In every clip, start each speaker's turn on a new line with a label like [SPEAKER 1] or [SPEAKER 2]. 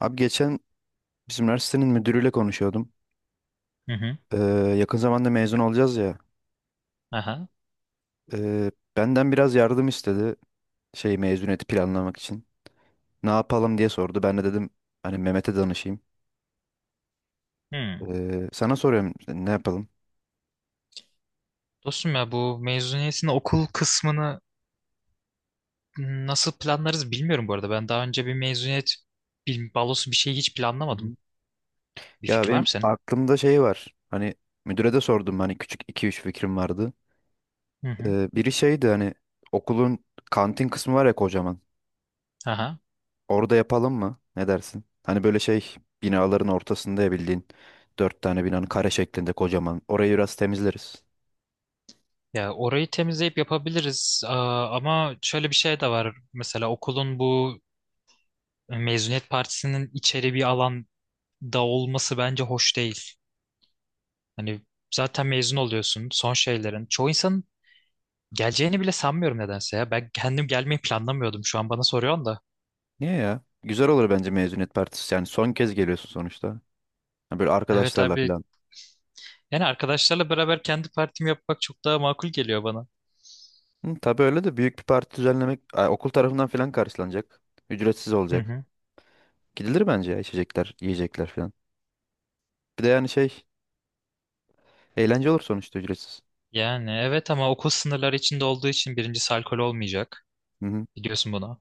[SPEAKER 1] Abi geçen bizim üniversitenin müdürüyle konuşuyordum.
[SPEAKER 2] Hı hı.
[SPEAKER 1] Ee, yakın zamanda mezun olacağız ya.
[SPEAKER 2] Aha.
[SPEAKER 1] Benden biraz yardım istedi şey mezuniyeti planlamak için. Ne yapalım diye sordu. Ben de dedim hani Mehmet'e danışayım.
[SPEAKER 2] Hı.
[SPEAKER 1] Sana soruyorum ne yapalım?
[SPEAKER 2] Dostum ya bu mezuniyetin okul kısmını nasıl planlarız bilmiyorum bu arada. Ben daha önce bir mezuniyet balosu bir şey hiç
[SPEAKER 1] Hı
[SPEAKER 2] planlamadım.
[SPEAKER 1] hı.
[SPEAKER 2] Bir
[SPEAKER 1] Ya
[SPEAKER 2] fikrin var
[SPEAKER 1] benim
[SPEAKER 2] mı senin?
[SPEAKER 1] aklımda şey var. Hani müdüre de sordum hani küçük iki üç fikrim vardı.
[SPEAKER 2] Hı hı.
[SPEAKER 1] Biri şeydi hani okulun kantin kısmı var ya kocaman.
[SPEAKER 2] Aha.
[SPEAKER 1] Orada yapalım mı? Ne dersin? Hani böyle şey binaların ortasında ya bildiğin dört tane binanın kare şeklinde kocaman. Orayı biraz temizleriz.
[SPEAKER 2] Ya orayı temizleyip yapabiliriz. Aa, ama şöyle bir şey de var. Mesela okulun bu mezuniyet partisinin içeri bir alanda olması bence hoş değil. Hani zaten mezun oluyorsun. Son şeylerin. Çoğu insanın geleceğini bile sanmıyorum nedense ya. Ben kendim gelmeyi planlamıyordum. Şu an bana soruyorsun da.
[SPEAKER 1] Niye ya? Güzel olur bence mezuniyet partisi. Yani son kez geliyorsun sonuçta. Ha, böyle
[SPEAKER 2] Evet
[SPEAKER 1] arkadaşlarla
[SPEAKER 2] abi,
[SPEAKER 1] falan.
[SPEAKER 2] yani arkadaşlarla beraber kendi partimi yapmak çok daha makul geliyor bana.
[SPEAKER 1] Hı, tabii öyle de büyük bir parti düzenlemek ay, okul tarafından falan karşılanacak. Ücretsiz
[SPEAKER 2] Hı
[SPEAKER 1] olacak.
[SPEAKER 2] hı.
[SPEAKER 1] Gidilir bence ya içecekler, yiyecekler falan. Bir de yani şey eğlence olur sonuçta ücretsiz.
[SPEAKER 2] Yani evet ama okul sınırları içinde olduğu için birincisi alkol olmayacak.
[SPEAKER 1] Hı hı.
[SPEAKER 2] Biliyorsun bunu.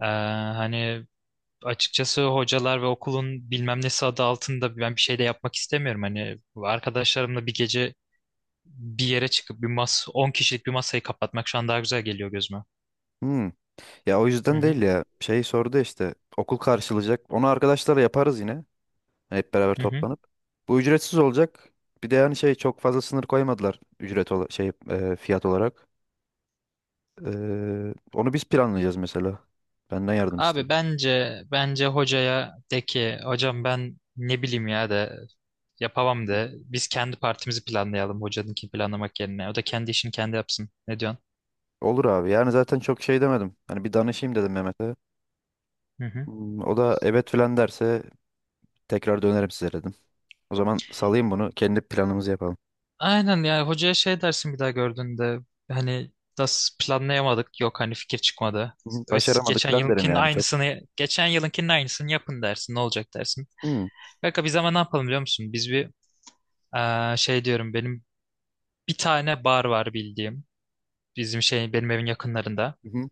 [SPEAKER 2] Ee, Hani açıkçası hocalar ve okulun bilmem nesi adı altında ben bir şey de yapmak istemiyorum. Hani arkadaşlarımla bir gece bir yere çıkıp bir mas 10 kişilik bir masayı kapatmak şu an daha güzel geliyor gözüme.
[SPEAKER 1] Hı. Ya o
[SPEAKER 2] Hı
[SPEAKER 1] yüzden
[SPEAKER 2] hı.
[SPEAKER 1] değil ya. Şey sordu ya işte okul karşılayacak. Onu arkadaşlarla yaparız yine. Hep beraber
[SPEAKER 2] Hı hı.
[SPEAKER 1] toplanıp. Bu ücretsiz olacak. Bir de yani şey çok fazla sınır koymadılar ücret ola şey fiyat olarak. Onu biz planlayacağız mesela. Benden yardım
[SPEAKER 2] Abi
[SPEAKER 1] istedim.
[SPEAKER 2] bence hocaya de ki hocam ben ne bileyim ya de. Yapamam de. Biz kendi partimizi planlayalım hocanınki planlamak yerine. O da kendi işini kendi yapsın. Ne diyorsun?
[SPEAKER 1] Olur abi. Yani zaten çok şey demedim. Hani bir danışayım dedim Mehmet'e.
[SPEAKER 2] Hı hı.
[SPEAKER 1] O da evet filan derse tekrar dönerim size dedim. O zaman salayım bunu. Kendi planımızı yapalım.
[SPEAKER 2] Aynen, ya hocaya şey dersin bir daha gördüğünde hani nasıl planlayamadık, yok hani fikir çıkmadı.
[SPEAKER 1] Hı hı.
[SPEAKER 2] Öz-
[SPEAKER 1] Başaramadık
[SPEAKER 2] Geçen
[SPEAKER 1] filan derim
[SPEAKER 2] yılınkinin
[SPEAKER 1] yani çok.
[SPEAKER 2] aynısını geçen yılınkinin aynısını yapın dersin, ne olacak dersin.
[SPEAKER 1] Hmm.
[SPEAKER 2] Kanka biz ama ne yapalım biliyor musun? Biz bir şey diyorum, benim bir tane bar var bildiğim. Bizim şey, benim evin yakınlarında.
[SPEAKER 1] Hı hı.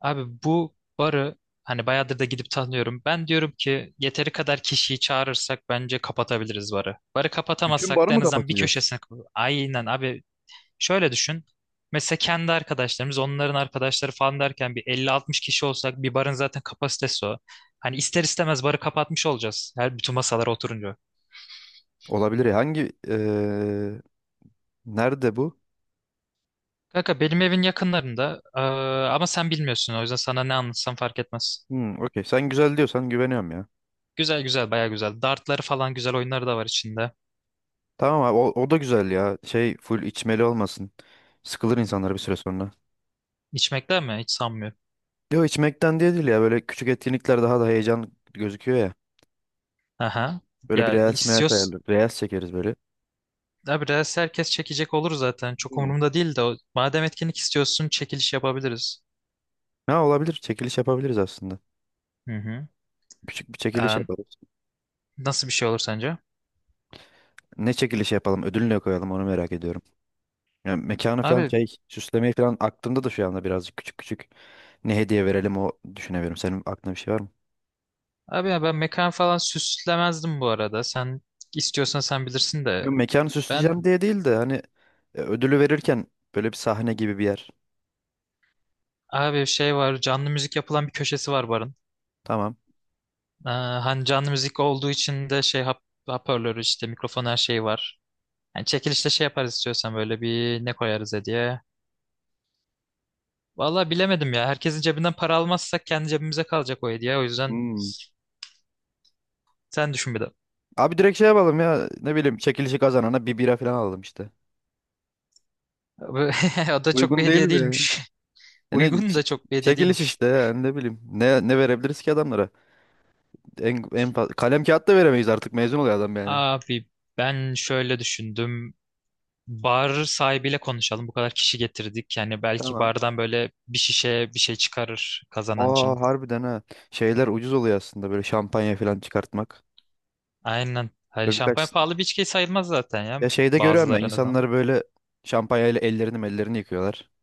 [SPEAKER 2] Abi bu barı hani bayağıdır da gidip tanıyorum. Ben diyorum ki yeteri kadar kişiyi çağırırsak bence kapatabiliriz barı. Barı
[SPEAKER 1] Bütün
[SPEAKER 2] kapatamazsak
[SPEAKER 1] barı
[SPEAKER 2] da
[SPEAKER 1] mı
[SPEAKER 2] en azından bir
[SPEAKER 1] kapatacağız?
[SPEAKER 2] köşesine. Aynen abi, şöyle düşün. Mesela kendi arkadaşlarımız, onların arkadaşları falan derken bir 50-60 kişi olsak, bir barın zaten kapasitesi o. Hani ister istemez barı kapatmış olacağız. Her bütün masalara oturunca.
[SPEAKER 1] Olabilir ya. Hangi nerede bu?
[SPEAKER 2] Kanka benim evin yakınlarında, ama sen bilmiyorsun o yüzden sana ne anlatsam fark etmez.
[SPEAKER 1] Hmm, okey. Sen güzel diyorsan güveniyorum ya.
[SPEAKER 2] Güzel güzel, baya güzel. Dartları falan güzel oyunları da var içinde.
[SPEAKER 1] Tamam abi o da güzel ya. Şey full içmeli olmasın. Sıkılır insanlar bir süre sonra.
[SPEAKER 2] İçmekler mi? Hiç sanmıyorum.
[SPEAKER 1] Yok içmekten değil ya böyle küçük etkinlikler daha da heyecan gözüküyor ya.
[SPEAKER 2] Aha.
[SPEAKER 1] Böyle bir
[SPEAKER 2] Ya
[SPEAKER 1] reels meyels
[SPEAKER 2] istiyorsun.
[SPEAKER 1] ayarlı. Reels çekeriz böyle.
[SPEAKER 2] Abi reels herkes çekecek olur zaten. Çok
[SPEAKER 1] Hmm.
[SPEAKER 2] umurumda değil de madem etkinlik istiyorsun çekiliş yapabiliriz.
[SPEAKER 1] Ha olabilir çekiliş yapabiliriz aslında.
[SPEAKER 2] Hı hı.
[SPEAKER 1] Küçük bir çekiliş
[SPEAKER 2] Ee,
[SPEAKER 1] yaparız.
[SPEAKER 2] Nasıl bir şey olur sence?
[SPEAKER 1] Ne çekiliş yapalım ödül ne koyalım onu merak ediyorum. Yani mekanı falan
[SPEAKER 2] Abi
[SPEAKER 1] şey süslemeyi falan aklımda da şu anda birazcık küçük küçük. Ne hediye verelim o düşünemiyorum. Senin aklında bir şey var mı?
[SPEAKER 2] abi ya, ben mekan falan süslemezdim bu arada. Sen istiyorsan sen bilirsin de,
[SPEAKER 1] Yok mekanı
[SPEAKER 2] ben
[SPEAKER 1] süsleyeceğim diye değil de hani ödülü verirken böyle bir sahne gibi bir yer.
[SPEAKER 2] abi şey var, canlı müzik yapılan bir köşesi var barın.
[SPEAKER 1] Tamam.
[SPEAKER 2] Hani canlı müzik olduğu için de şey, hoparlörü, işte mikrofon, her şey var. Yani çekilişte şey yaparız istiyorsan, böyle bir ne koyarız diye. Vallahi bilemedim ya. Herkesin cebinden para almazsak kendi cebimize kalacak o hediye. O yüzden
[SPEAKER 1] Hmm.
[SPEAKER 2] sen düşün bir de.
[SPEAKER 1] Abi direkt şey yapalım ya. Ne bileyim çekilişi kazanana bir bira falan alalım işte.
[SPEAKER 2] O da çok bir
[SPEAKER 1] Uygun değil
[SPEAKER 2] hediye
[SPEAKER 1] mi?
[SPEAKER 2] değilmiş.
[SPEAKER 1] Yani
[SPEAKER 2] Uygun da çok bir hediye
[SPEAKER 1] çekiliş
[SPEAKER 2] değilmiş.
[SPEAKER 1] işte yani ne bileyim. Ne verebiliriz ki adamlara? En kalem kağıt da veremeyiz artık mezun oluyor adam yani.
[SPEAKER 2] Abi ben şöyle düşündüm. Bar sahibiyle konuşalım. Bu kadar kişi getirdik. Yani belki
[SPEAKER 1] Tamam.
[SPEAKER 2] bardan böyle bir şişe bir şey çıkarır kazanan için.
[SPEAKER 1] Aa harbiden ha. Şeyler ucuz oluyor aslında böyle şampanya falan çıkartmak.
[SPEAKER 2] Aynen. Hani
[SPEAKER 1] Böyle
[SPEAKER 2] şampanya
[SPEAKER 1] birkaç
[SPEAKER 2] pahalı bir içki sayılmaz zaten ya.
[SPEAKER 1] ya şeyde görüyorum ben
[SPEAKER 2] Bazıları en azından.
[SPEAKER 1] insanları böyle şampanyayla ellerini yıkıyorlar.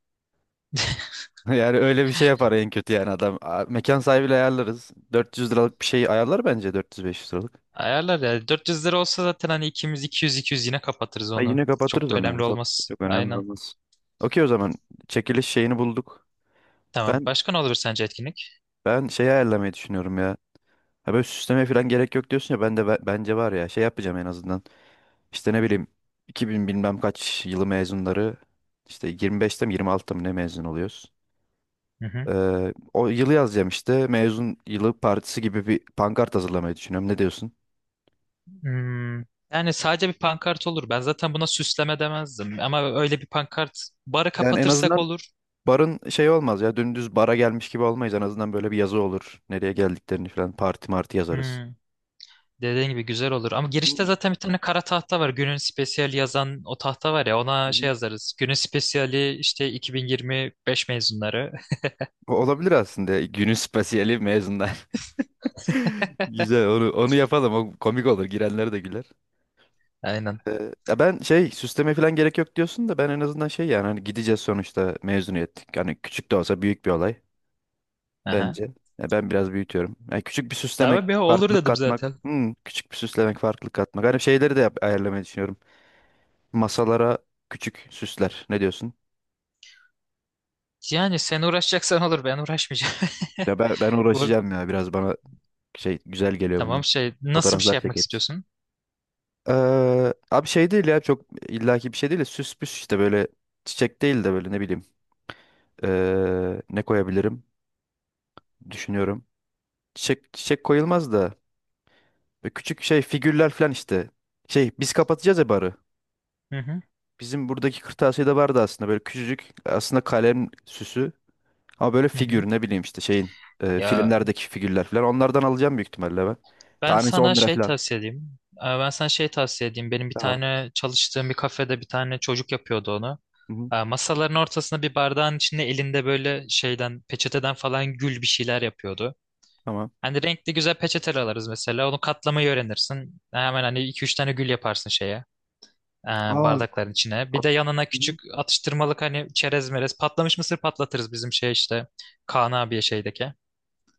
[SPEAKER 1] Yani öyle bir şey yapar en kötü yani adam. Aa, mekan sahibiyle ayarlarız. 400 liralık bir şey ayarlar bence 400-500 liralık.
[SPEAKER 2] Ayarlar ya. 400 lira olsa zaten hani ikimiz 200-200 yine kapatırız
[SPEAKER 1] Ha,
[SPEAKER 2] onu.
[SPEAKER 1] yine
[SPEAKER 2] Çok
[SPEAKER 1] kapatırız
[SPEAKER 2] da
[SPEAKER 1] onu.
[SPEAKER 2] önemli
[SPEAKER 1] Çok
[SPEAKER 2] olmaz.
[SPEAKER 1] çok önemli
[SPEAKER 2] Aynen.
[SPEAKER 1] olmaz. Okey o zaman çekiliş şeyini bulduk.
[SPEAKER 2] Tamam.
[SPEAKER 1] Ben
[SPEAKER 2] Başka ne olabilir sence etkinlik?
[SPEAKER 1] ben şeyi ayarlamayı düşünüyorum ya. Ha böyle süslemeye falan gerek yok diyorsun ya ben de bence var ya şey yapacağım en azından. İşte ne bileyim 2000 bilmem kaç yılı mezunları işte 25'te mi 26'ta mı ne mezun oluyoruz?
[SPEAKER 2] Hı hı.
[SPEAKER 1] O yılı yazacağım işte mezun yılı partisi gibi bir pankart hazırlamayı düşünüyorum. Ne diyorsun?
[SPEAKER 2] Hmm, yani sadece bir pankart olur. Ben zaten buna süsleme demezdim. Ama öyle bir pankart, barı
[SPEAKER 1] Yani en
[SPEAKER 2] kapatırsak
[SPEAKER 1] azından
[SPEAKER 2] olur.
[SPEAKER 1] barın şey olmaz ya dümdüz bara gelmiş gibi olmayız. En azından böyle bir yazı olur. Nereye geldiklerini falan parti marti yazarız.
[SPEAKER 2] Hmm. Dediğin gibi güzel olur. Ama girişte
[SPEAKER 1] Hmm,
[SPEAKER 2] zaten bir tane kara tahta var. Günün spesiyali yazan o tahta var ya,
[SPEAKER 1] hı
[SPEAKER 2] ona şey
[SPEAKER 1] hı.
[SPEAKER 2] yazarız. Günün spesiyali, işte 2025 mezunları.
[SPEAKER 1] O olabilir aslında. Günün spesiyeli mezunlar. Güzel onu yapalım. O komik olur. Girenler de güler.
[SPEAKER 2] Aynen.
[SPEAKER 1] Ya ben şey süsleme falan gerek yok diyorsun da ben en azından şey yani hani gideceğiz sonuçta mezuniyet. Yani küçük de olsa büyük bir olay
[SPEAKER 2] Aha.
[SPEAKER 1] bence. Ya ben biraz büyütüyorum. Yani küçük bir süslemek,
[SPEAKER 2] Tamam ya, olur
[SPEAKER 1] farklılık
[SPEAKER 2] dedim
[SPEAKER 1] katmak.
[SPEAKER 2] zaten.
[SPEAKER 1] Küçük bir süslemek, farklılık katmak. Hani şeyleri de ayarlamayı düşünüyorum. Masalara küçük süsler. Ne diyorsun?
[SPEAKER 2] Yani sen uğraşacaksan olur, ben uğraşmayacağım.
[SPEAKER 1] Ya ben
[SPEAKER 2] Bu-
[SPEAKER 1] uğraşacağım ya biraz bana şey güzel geliyor
[SPEAKER 2] Tamam,
[SPEAKER 1] bundan.
[SPEAKER 2] şey nasıl bir
[SPEAKER 1] Fotoğraflar
[SPEAKER 2] şey yapmak
[SPEAKER 1] çekeriz.
[SPEAKER 2] istiyorsun?
[SPEAKER 1] Abi şey değil ya çok illaki bir şey değil de süs püs işte böyle çiçek değil de böyle ne bileyim ne koyabilirim düşünüyorum. Çiçek çiçek koyulmaz da böyle küçük şey figürler falan işte. Şey biz kapatacağız ya barı.
[SPEAKER 2] Hı hı,
[SPEAKER 1] Bizim buradaki kırtasiyede vardı aslında böyle küçücük aslında kalem süsü ama böyle
[SPEAKER 2] hı hı.
[SPEAKER 1] figür ne bileyim işte şeyin
[SPEAKER 2] Ya
[SPEAKER 1] filmlerdeki figürler falan onlardan alacağım büyük ihtimalle ben.
[SPEAKER 2] ben
[SPEAKER 1] Tanesi
[SPEAKER 2] sana
[SPEAKER 1] 10 lira
[SPEAKER 2] şey
[SPEAKER 1] falan.
[SPEAKER 2] tavsiye edeyim. Ben sana şey tavsiye edeyim. Benim bir
[SPEAKER 1] Tamam.
[SPEAKER 2] tane çalıştığım bir kafede bir tane çocuk yapıyordu onu.
[SPEAKER 1] Hı hı.
[SPEAKER 2] Masaların ortasına, bir bardağın içinde, elinde böyle şeyden, peçeteden falan gül bir şeyler yapıyordu.
[SPEAKER 1] Tamam.
[SPEAKER 2] Hani renkli güzel peçeteler alırız mesela. Onu katlamayı öğrenirsin. Hemen hani iki üç tane gül yaparsın şeye. e,
[SPEAKER 1] Aa,
[SPEAKER 2] Bardakların içine. Bir
[SPEAKER 1] at-
[SPEAKER 2] de yanına
[SPEAKER 1] Hı hı.
[SPEAKER 2] küçük atıştırmalık, hani çerez merez, patlamış mısır patlatırız bizim şey işte, Kaan abiye şeydeki.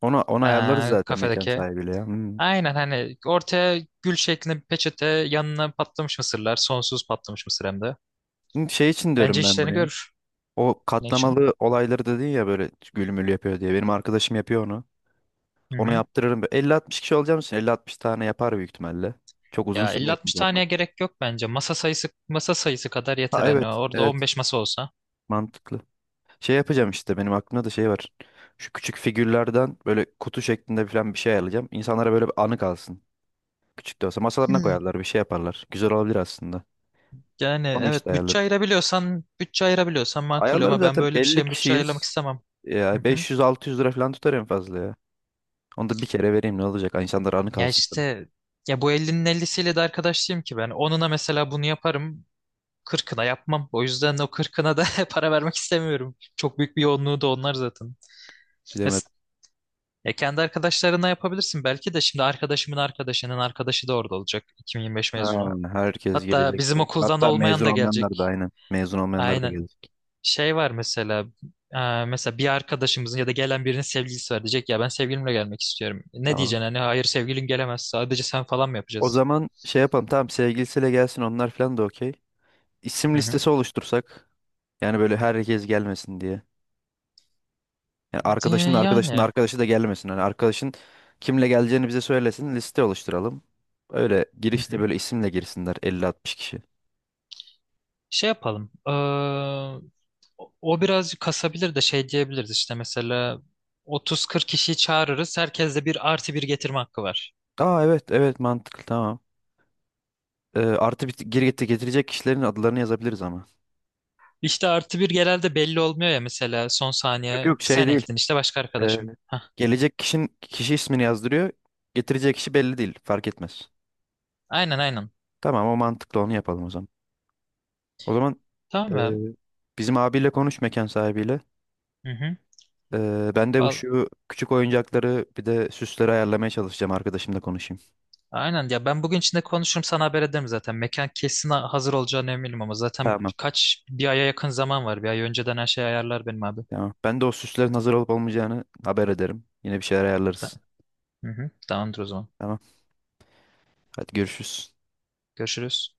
[SPEAKER 1] Onu ayarlarız zaten mekan
[SPEAKER 2] Kafedeki.
[SPEAKER 1] sahibiyle ya. Hı.
[SPEAKER 2] Aynen, hani ortaya gül şeklinde bir peçete, yanına patlamış mısırlar. Sonsuz patlamış mısır hem de.
[SPEAKER 1] Hı, şey için
[SPEAKER 2] Bence
[SPEAKER 1] diyorum ben bunu
[SPEAKER 2] işlerini
[SPEAKER 1] ya.
[SPEAKER 2] görür.
[SPEAKER 1] O
[SPEAKER 2] Ne için?
[SPEAKER 1] katlamalı olayları dedin ya böyle gülmül yapıyor diye. Benim arkadaşım yapıyor onu.
[SPEAKER 2] Hı
[SPEAKER 1] Onu
[SPEAKER 2] hı.
[SPEAKER 1] yaptırırım. 50-60 kişi olacağım için 50-60 tane yapar büyük ihtimalle. Çok uzun
[SPEAKER 2] Ya elli
[SPEAKER 1] sürmüyor
[SPEAKER 2] altmış
[SPEAKER 1] çünkü yapmak.
[SPEAKER 2] taneye gerek yok bence. Masa sayısı kadar yeter,
[SPEAKER 1] Ha
[SPEAKER 2] hani
[SPEAKER 1] evet,
[SPEAKER 2] orada on
[SPEAKER 1] evet.
[SPEAKER 2] beş masa olsa.
[SPEAKER 1] Mantıklı. Şey yapacağım işte benim aklımda da şey var. Şu küçük figürlerden böyle kutu şeklinde falan bir şey alacağım. İnsanlara böyle bir anı kalsın. Küçük de olsa masalarına
[SPEAKER 2] Hmm.
[SPEAKER 1] koyarlar, bir şey yaparlar. Güzel olabilir aslında.
[SPEAKER 2] Yani
[SPEAKER 1] Onu işte
[SPEAKER 2] evet, bütçe
[SPEAKER 1] ayarlarız.
[SPEAKER 2] ayırabiliyorsan bütçe ayırabiliyorsan makul,
[SPEAKER 1] Ayarlarım
[SPEAKER 2] ama ben
[SPEAKER 1] zaten
[SPEAKER 2] böyle bir
[SPEAKER 1] 50
[SPEAKER 2] şey, bütçe ayırmak
[SPEAKER 1] kişiyiz.
[SPEAKER 2] istemem. Hı
[SPEAKER 1] Ya
[SPEAKER 2] hı.
[SPEAKER 1] 500-600 lira falan tutar en fazla ya. Onu da bir kere vereyim ne olacak? İnsanlar anı
[SPEAKER 2] Ya
[SPEAKER 1] kalsın sana.
[SPEAKER 2] işte, ya bu 50'nin 50'siyle de arkadaş değilim ki ben. 10'una mesela bunu yaparım. 40'ına yapmam. O yüzden o 40'ına da para vermek istemiyorum. Çok büyük bir yoğunluğu da onlar zaten. Ya,
[SPEAKER 1] Bilemedim.
[SPEAKER 2] ya kendi arkadaşlarına yapabilirsin. Belki de şimdi arkadaşımın arkadaşının arkadaşı da orada olacak. 2025
[SPEAKER 1] Ha,
[SPEAKER 2] mezunu.
[SPEAKER 1] herkes
[SPEAKER 2] Hatta bizim
[SPEAKER 1] gelecekse.
[SPEAKER 2] okuldan
[SPEAKER 1] Hatta
[SPEAKER 2] olmayan
[SPEAKER 1] mezun
[SPEAKER 2] da
[SPEAKER 1] olmayanlar da
[SPEAKER 2] gelecek.
[SPEAKER 1] aynı. Mezun olmayanlar da
[SPEAKER 2] Aynen.
[SPEAKER 1] gelecek.
[SPEAKER 2] Şey var mesela. Mesela bir arkadaşımızın ya da gelen birinin sevgilisi var. Diyecek ya, ben sevgilimle gelmek istiyorum. Ne
[SPEAKER 1] Tamam.
[SPEAKER 2] diyeceksin, hani hayır sevgilin gelemez, sadece sen falan mı
[SPEAKER 1] O
[SPEAKER 2] yapacağız?
[SPEAKER 1] zaman şey yapalım. Tamam sevgilisiyle gelsin onlar falan da okey. İsim
[SPEAKER 2] Hı hı.
[SPEAKER 1] listesi oluştursak. Yani böyle herkes gelmesin diye. Yani arkadaşın da arkadaşın da
[SPEAKER 2] Yani.
[SPEAKER 1] arkadaşı da gelmesin. Yani arkadaşın kimle geleceğini bize söylesin. Liste oluşturalım. Öyle
[SPEAKER 2] Hı
[SPEAKER 1] girişte
[SPEAKER 2] hı.
[SPEAKER 1] böyle isimle girsinler Elli 60 kişi.
[SPEAKER 2] Şey yapalım. O birazcık kasabilir de şey diyebiliriz işte, mesela 30-40 kişiyi çağırırız. Herkeste bir artı bir getirme hakkı var.
[SPEAKER 1] Aa evet evet mantıklı tamam. Artı bir getirecek kişilerin adlarını yazabiliriz ama.
[SPEAKER 2] İşte artı bir genelde belli olmuyor ya, mesela son
[SPEAKER 1] Yok
[SPEAKER 2] saniye
[SPEAKER 1] yok şey
[SPEAKER 2] sen
[SPEAKER 1] değil.
[SPEAKER 2] ektin, işte başka
[SPEAKER 1] Ee,
[SPEAKER 2] arkadaşım. Hah.
[SPEAKER 1] gelecek kişinin kişi ismini yazdırıyor. Getirecek kişi belli değil. Fark etmez.
[SPEAKER 2] Aynen aynen.
[SPEAKER 1] Tamam o mantıklı onu yapalım o zaman. O zaman
[SPEAKER 2] Tamam
[SPEAKER 1] e,
[SPEAKER 2] mı?
[SPEAKER 1] bizim abiyle konuş mekan sahibiyle.
[SPEAKER 2] Hı hı.
[SPEAKER 1] Ben de bu
[SPEAKER 2] Val-
[SPEAKER 1] şu küçük oyuncakları bir de süsleri ayarlamaya çalışacağım. Arkadaşımla konuşayım.
[SPEAKER 2] Aynen ya, ben bugün içinde konuşurum, sana haber ederim zaten. Mekan kesin hazır olacağına eminim, ama zaten
[SPEAKER 1] Tamam.
[SPEAKER 2] bir aya yakın zaman var. Bir ay önceden her şeyi ayarlar benim abi.
[SPEAKER 1] Tamam. Ben de o süslerin hazır olup olmayacağını haber ederim. Yine bir şeyler
[SPEAKER 2] Ta-
[SPEAKER 1] ayarlarız.
[SPEAKER 2] Hı hı. Tamamdır o zaman.
[SPEAKER 1] Tamam. Hadi görüşürüz.
[SPEAKER 2] Görüşürüz.